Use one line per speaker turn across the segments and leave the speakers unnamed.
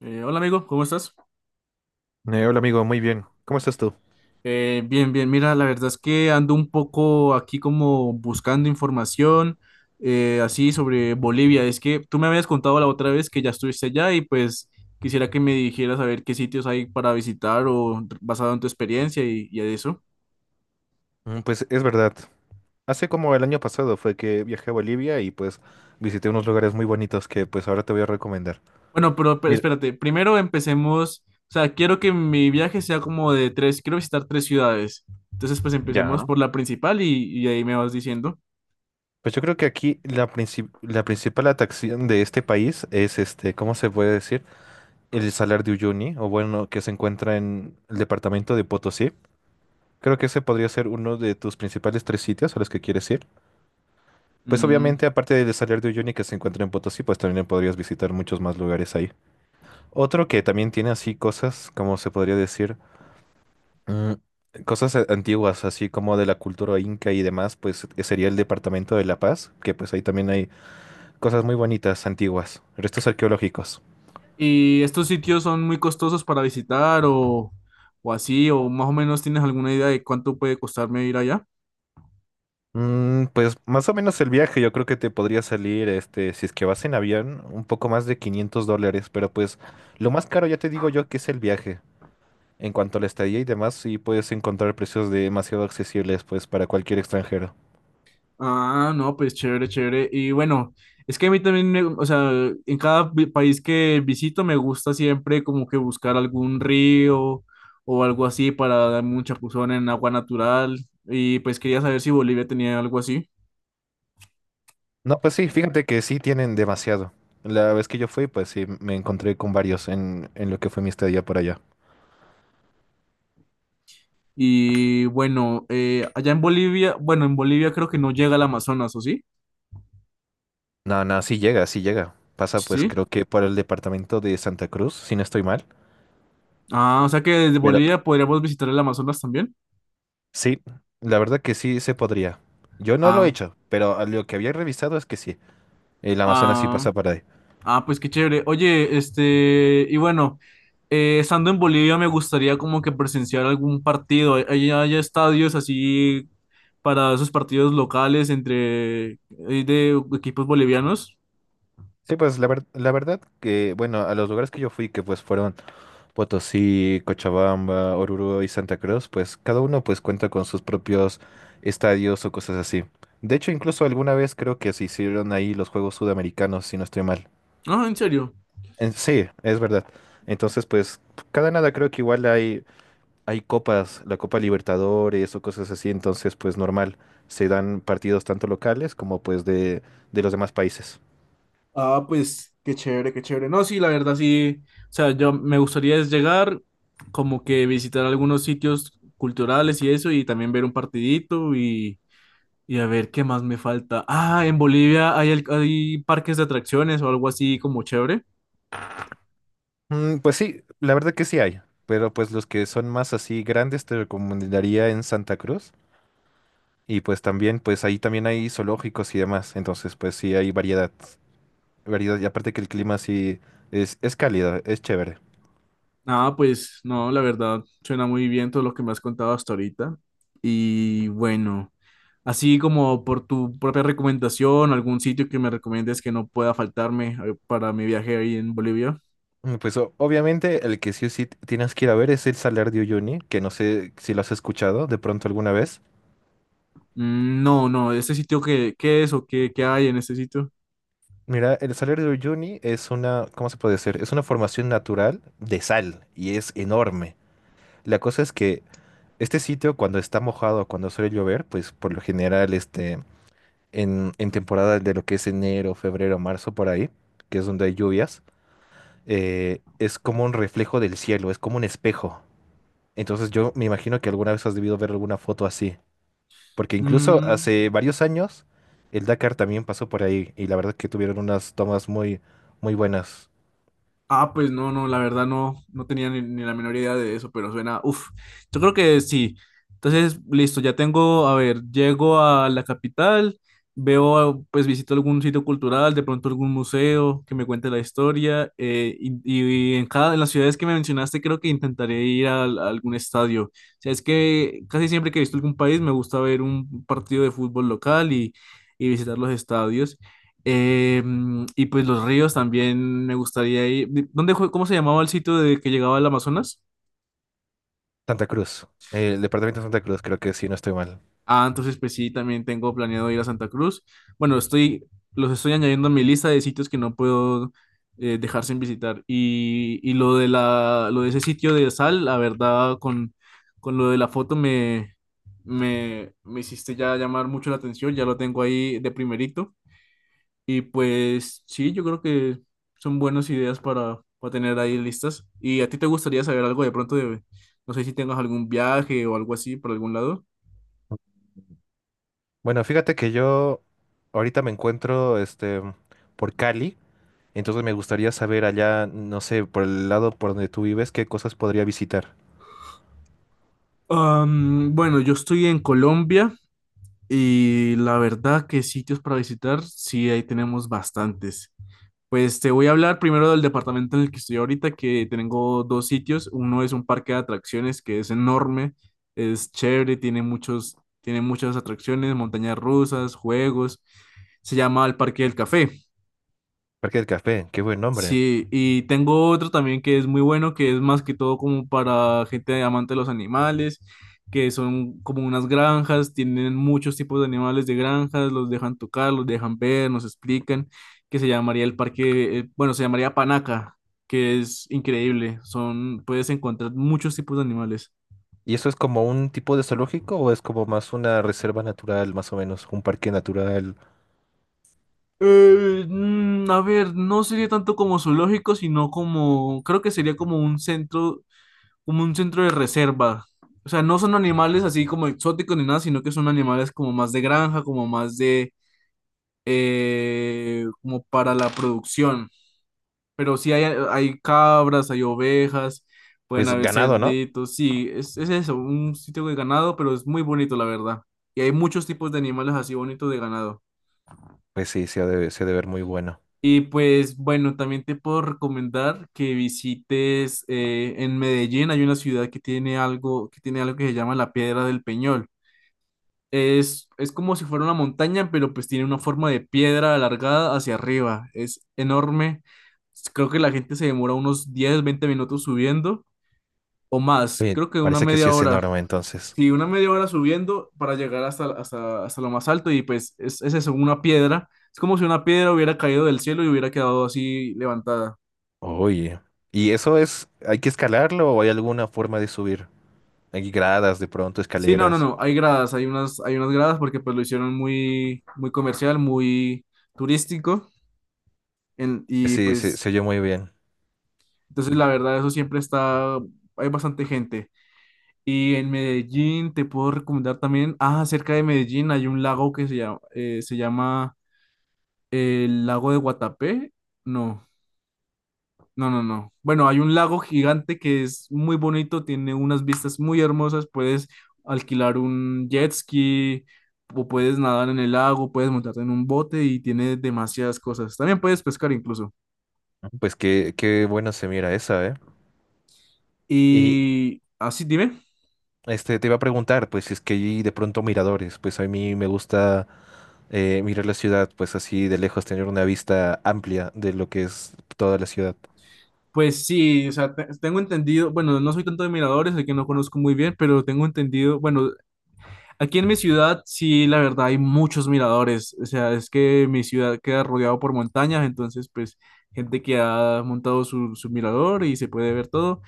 Hola amigo, ¿cómo estás?
Hola amigo, muy bien. ¿Cómo estás tú?
Bien, mira, la verdad es que ando un poco aquí como buscando información así sobre Bolivia. Es que tú me habías contado la otra vez que ya estuviste allá y pues quisiera que me dijeras a ver qué sitios hay para visitar o basado en tu experiencia y eso.
Pues es verdad. Hace como el año pasado fue que viajé a Bolivia y pues visité unos lugares muy bonitos que pues ahora te voy a recomendar.
Bueno, pero
Mira,
espérate, primero empecemos, o sea, quiero que mi viaje sea como de tres, quiero visitar tres ciudades. Entonces pues
ya.
empecemos
¿No?
por la principal y ahí me vas diciendo.
Pues yo creo que aquí la principal atracción de este país es este, ¿cómo se puede decir? El Salar de Uyuni, o bueno, que se encuentra en el departamento de Potosí. Creo que ese podría ser uno de tus principales tres sitios a los que quieres ir. Pues
Mm.
obviamente, aparte del Salar de Uyuni que se encuentra en Potosí, pues también podrías visitar muchos más lugares ahí. Otro que también tiene así cosas, como se podría decir, mm, antiguas, así como de la cultura inca y demás, pues sería el Departamento de La Paz, que pues ahí también hay cosas muy bonitas, antiguas, restos arqueológicos.
¿Y estos sitios son muy costosos para visitar o así? ¿O más o menos tienes alguna idea de cuánto puede costarme ir allá?
Pues más o menos el viaje, yo creo que te podría salir, este, si es que vas en avión, un poco más de $500, pero pues lo más caro ya te digo yo que es el viaje. En cuanto a la estadía y demás, sí puedes encontrar precios demasiado accesibles, pues para cualquier extranjero.
Ah, no, pues chévere, chévere. Y bueno, es que a mí también, o sea, en cada país que visito me gusta siempre como que buscar algún río o algo así para darme un chapuzón en agua natural. Y pues quería saber si Bolivia tenía algo así.
No, pues sí, fíjate que sí tienen demasiado. La vez que yo fui, pues sí, me encontré con varios en lo que fue mi estadía por allá.
Y bueno, allá en Bolivia, bueno, en Bolivia creo que no llega al Amazonas, ¿o sí?
No, no, sí llega, sí llega. Pasa pues
Sí.
creo que por el departamento de Santa Cruz, si no estoy mal.
Ah, o sea que desde
Pero
Bolivia podríamos visitar el Amazonas también.
sí, la verdad que sí se podría. Yo no lo he
Ah,
hecho, pero a lo que había revisado es que sí. El Amazonas sí
ah,
pasa para ahí.
ah, pues qué chévere. Oye, este, y bueno, estando en Bolivia me gustaría como que presenciar algún partido. ¿Hay estadios así para esos partidos locales entre de equipos bolivianos?
Sí, pues la verdad que, bueno, a los lugares que yo fui, que pues fueron Potosí, Cochabamba, Oruro y Santa Cruz, pues cada uno pues cuenta con sus propios estadios o cosas así. De hecho, incluso alguna vez creo que se hicieron ahí los Juegos Sudamericanos, si no estoy mal.
No, en serio.
Sí, es verdad. Entonces, pues cada nada creo que igual hay, hay copas, la Copa Libertadores o cosas así, entonces pues normal, se dan partidos tanto locales como pues de los demás países.
Ah, pues qué chévere, qué chévere. No, sí, la verdad sí. O sea, yo me gustaría es llegar, como que visitar algunos sitios culturales y eso, y también ver un partidito. Y a ver, ¿qué más me falta? Ah, en Bolivia hay, hay parques de atracciones o algo así como chévere.
Pues sí, la verdad que sí hay, pero pues los que son más así grandes te recomendaría en Santa Cruz. Y pues también, pues ahí también hay zoológicos y demás. Entonces, pues sí hay variedad. Variedad. Y aparte que el clima sí es cálido, es chévere.
Ah, pues no, la verdad, suena muy bien todo lo que me has contado hasta ahorita. Y bueno, así como por tu propia recomendación, algún sitio que me recomiendes que no pueda faltarme para mi viaje ahí en Bolivia.
Pues obviamente el que sí o sí tienes que ir a ver es el Salar de Uyuni, que no sé si lo has escuchado de pronto alguna vez.
Mm, no, no, ese sitio qué es o qué hay en ese sitio?
Mira, el Salar de Uyuni es una, ¿cómo se puede decir? Es una formación natural de sal y es enorme. La cosa es que este sitio cuando está mojado, cuando suele llover, pues por lo general este en temporada de lo que es enero, febrero, marzo, por ahí, que es donde hay lluvias, es como un reflejo del cielo, es como un espejo. Entonces yo me imagino que alguna vez has debido ver alguna foto así, porque incluso
Mm.
hace varios años el Dakar también pasó por ahí y la verdad que tuvieron unas tomas muy, muy buenas.
Ah, pues no, no, la verdad no, no tenía ni la menor idea de eso, pero suena, uff, yo creo que sí. Entonces, listo, ya tengo, a ver, llego a la capital, veo, pues visito algún sitio cultural, de pronto algún museo que me cuente la historia, y en cada, en las ciudades que me mencionaste creo que intentaré ir a algún estadio. O sea, es que casi siempre que he visto algún país me gusta ver un partido de fútbol local y visitar los estadios. Eh, y pues los ríos también me gustaría ir. ¿Dónde, cómo se llamaba el sitio de que llegaba al Amazonas?
Santa Cruz, el departamento de Santa Cruz, creo que sí, no estoy mal.
Ah, entonces pues sí, también tengo planeado ir a Santa Cruz. Bueno, estoy, los estoy añadiendo a mi lista de sitios que no puedo dejar sin visitar. Y lo de la, lo de ese sitio de sal, la verdad, con lo de la foto me hiciste ya llamar mucho la atención, ya lo tengo ahí de primerito. Y pues sí, yo creo que son buenas ideas para tener ahí listas. ¿Y a ti te gustaría saber algo de pronto de, no sé si tengas algún viaje o algo así por algún lado?
Bueno, fíjate que yo ahorita me encuentro este, por Cali. Entonces me gustaría saber allá, no sé, por el lado por donde tú vives, qué cosas podría visitar.
Am, bueno, yo estoy en Colombia y la verdad que sitios para visitar, sí, ahí tenemos bastantes. Pues te voy a hablar primero del departamento en el que estoy ahorita, que tengo dos sitios. Uno es un parque de atracciones que es enorme, es chévere, tiene muchos, tiene muchas atracciones, montañas rusas, juegos. Se llama el Parque del Café.
Parque del Café, qué buen nombre.
Sí, y tengo otro también que es muy bueno, que es más que todo como para gente amante de los animales, que son como unas granjas, tienen muchos tipos de animales de granjas, los dejan tocar, los dejan ver, nos explican, que se llamaría el parque, bueno, se llamaría Panaca, que es increíble, son, puedes encontrar muchos tipos de animales.
¿Y eso es como un tipo de zoológico o es como más una reserva natural, más o menos, un parque natural?
A ver, no sería tanto como zoológico, sino como, creo que sería como un centro de reserva. O sea, no son animales así como exóticos ni nada, sino que son animales como más de granja, como más de, como para la producción. Pero sí hay cabras, hay ovejas, pueden
Pues
haber
ganado, ¿no?
cerditos, sí, es eso, un sitio de ganado, pero es muy bonito, la verdad. Y hay muchos tipos de animales así bonitos de ganado.
Pues sí, se ha de ver muy bueno.
Y pues bueno, también te puedo recomendar que visites en Medellín, hay una ciudad que tiene algo, que tiene algo que se llama la Piedra del Peñol. Es como si fuera una montaña, pero pues tiene una forma de piedra alargada hacia arriba. Es enorme. Creo que la gente se demora unos 10 20 minutos subiendo o más.
Oye,
Creo que una
parece que sí
media
es
hora.
enorme entonces.
Sí, una media hora subiendo para llegar hasta, hasta, hasta lo más alto y pues es eso, una piedra. Es como si una piedra hubiera caído del cielo y hubiera quedado así levantada.
Oye, ¿y eso es, hay que escalarlo o hay alguna forma de subir? Hay gradas, de pronto,
Sí, no, no,
escaleras.
no, hay gradas, hay unas gradas porque pues lo hicieron muy, muy comercial, muy turístico y
Sí,
pues.
se oye muy bien.
Entonces, la verdad, eso siempre está, hay bastante gente. Y en Medellín te puedo recomendar también, ah, cerca de Medellín hay un lago que se llama el lago de Guatapé. No, no, no, no. Bueno, hay un lago gigante que es muy bonito, tiene unas vistas muy hermosas, puedes alquilar un jet ski o puedes nadar en el lago, puedes montarte en un bote y tiene demasiadas cosas. También puedes pescar incluso.
Pues qué, qué bueno se mira esa, ¿eh? Y,
Y así, dime.
este, te iba a preguntar, pues, si es que hay de pronto miradores, pues a mí me gusta mirar la ciudad, pues así de lejos, tener una vista amplia de lo que es toda la ciudad.
Pues sí, o sea, tengo entendido, bueno, no soy tanto de miradores, el que no conozco muy bien, pero tengo entendido, bueno, aquí en mi ciudad sí, la verdad, hay muchos miradores, o sea, es que mi ciudad queda rodeado por montañas, entonces, pues, gente que ha montado su, su mirador y se puede ver todo,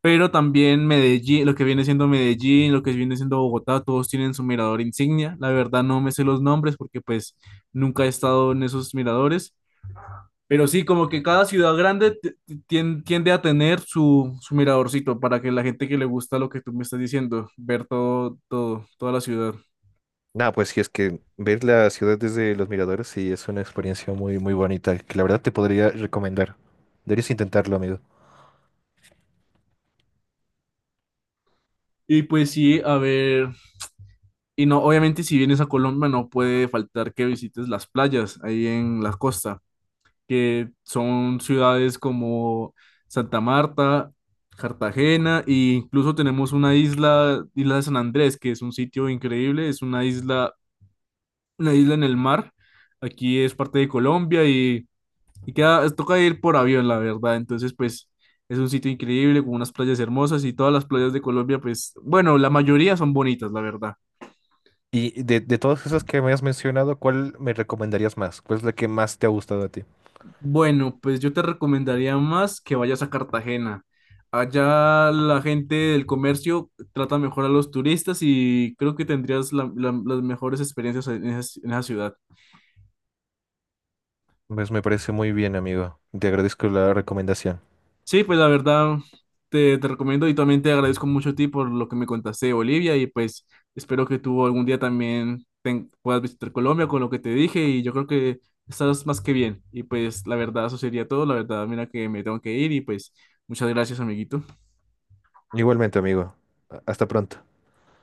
pero también Medellín, lo que viene siendo Medellín, lo que viene siendo Bogotá, todos tienen su mirador insignia, la verdad no me sé los nombres porque, pues, nunca he estado en esos miradores. Pero sí, como que cada ciudad grande tiende a tener su, su miradorcito para que la gente que le gusta lo que tú me estás diciendo, ver todo, todo, toda la ciudad.
Nada, pues si es que ver la ciudad desde los miradores, sí, es una experiencia muy, muy bonita, que la verdad te podría recomendar. Deberías intentarlo, amigo.
Y pues sí, a ver, y no, obviamente si vienes a Colombia no puede faltar que visites las playas ahí en la costa, que son ciudades como Santa Marta, Cartagena, e incluso tenemos una isla, Isla de San Andrés, que es un sitio increíble, es una isla en el mar. Aquí es parte de Colombia y queda, toca ir por avión, la verdad. Entonces, pues es un sitio increíble con unas playas hermosas y todas las playas de Colombia, pues bueno, la mayoría son bonitas, la verdad.
Y de todas esas que me has mencionado, ¿cuál me recomendarías más? ¿Cuál es la que más te ha gustado a ti?
Bueno, pues yo te recomendaría más que vayas a Cartagena. Allá la gente del comercio trata mejor a los turistas y creo que tendrías las mejores experiencias en esa ciudad.
Pues me parece muy bien, amigo. Te agradezco la recomendación.
Sí, pues la verdad te recomiendo y también te agradezco mucho a ti por lo que me contaste de Bolivia y pues espero que tú algún día también puedas visitar Colombia con lo que te dije y yo creo que estás más que bien y pues la verdad eso sería todo, la verdad mira que me tengo que ir y pues muchas gracias amiguito.
Igualmente, amigo. Hasta pronto.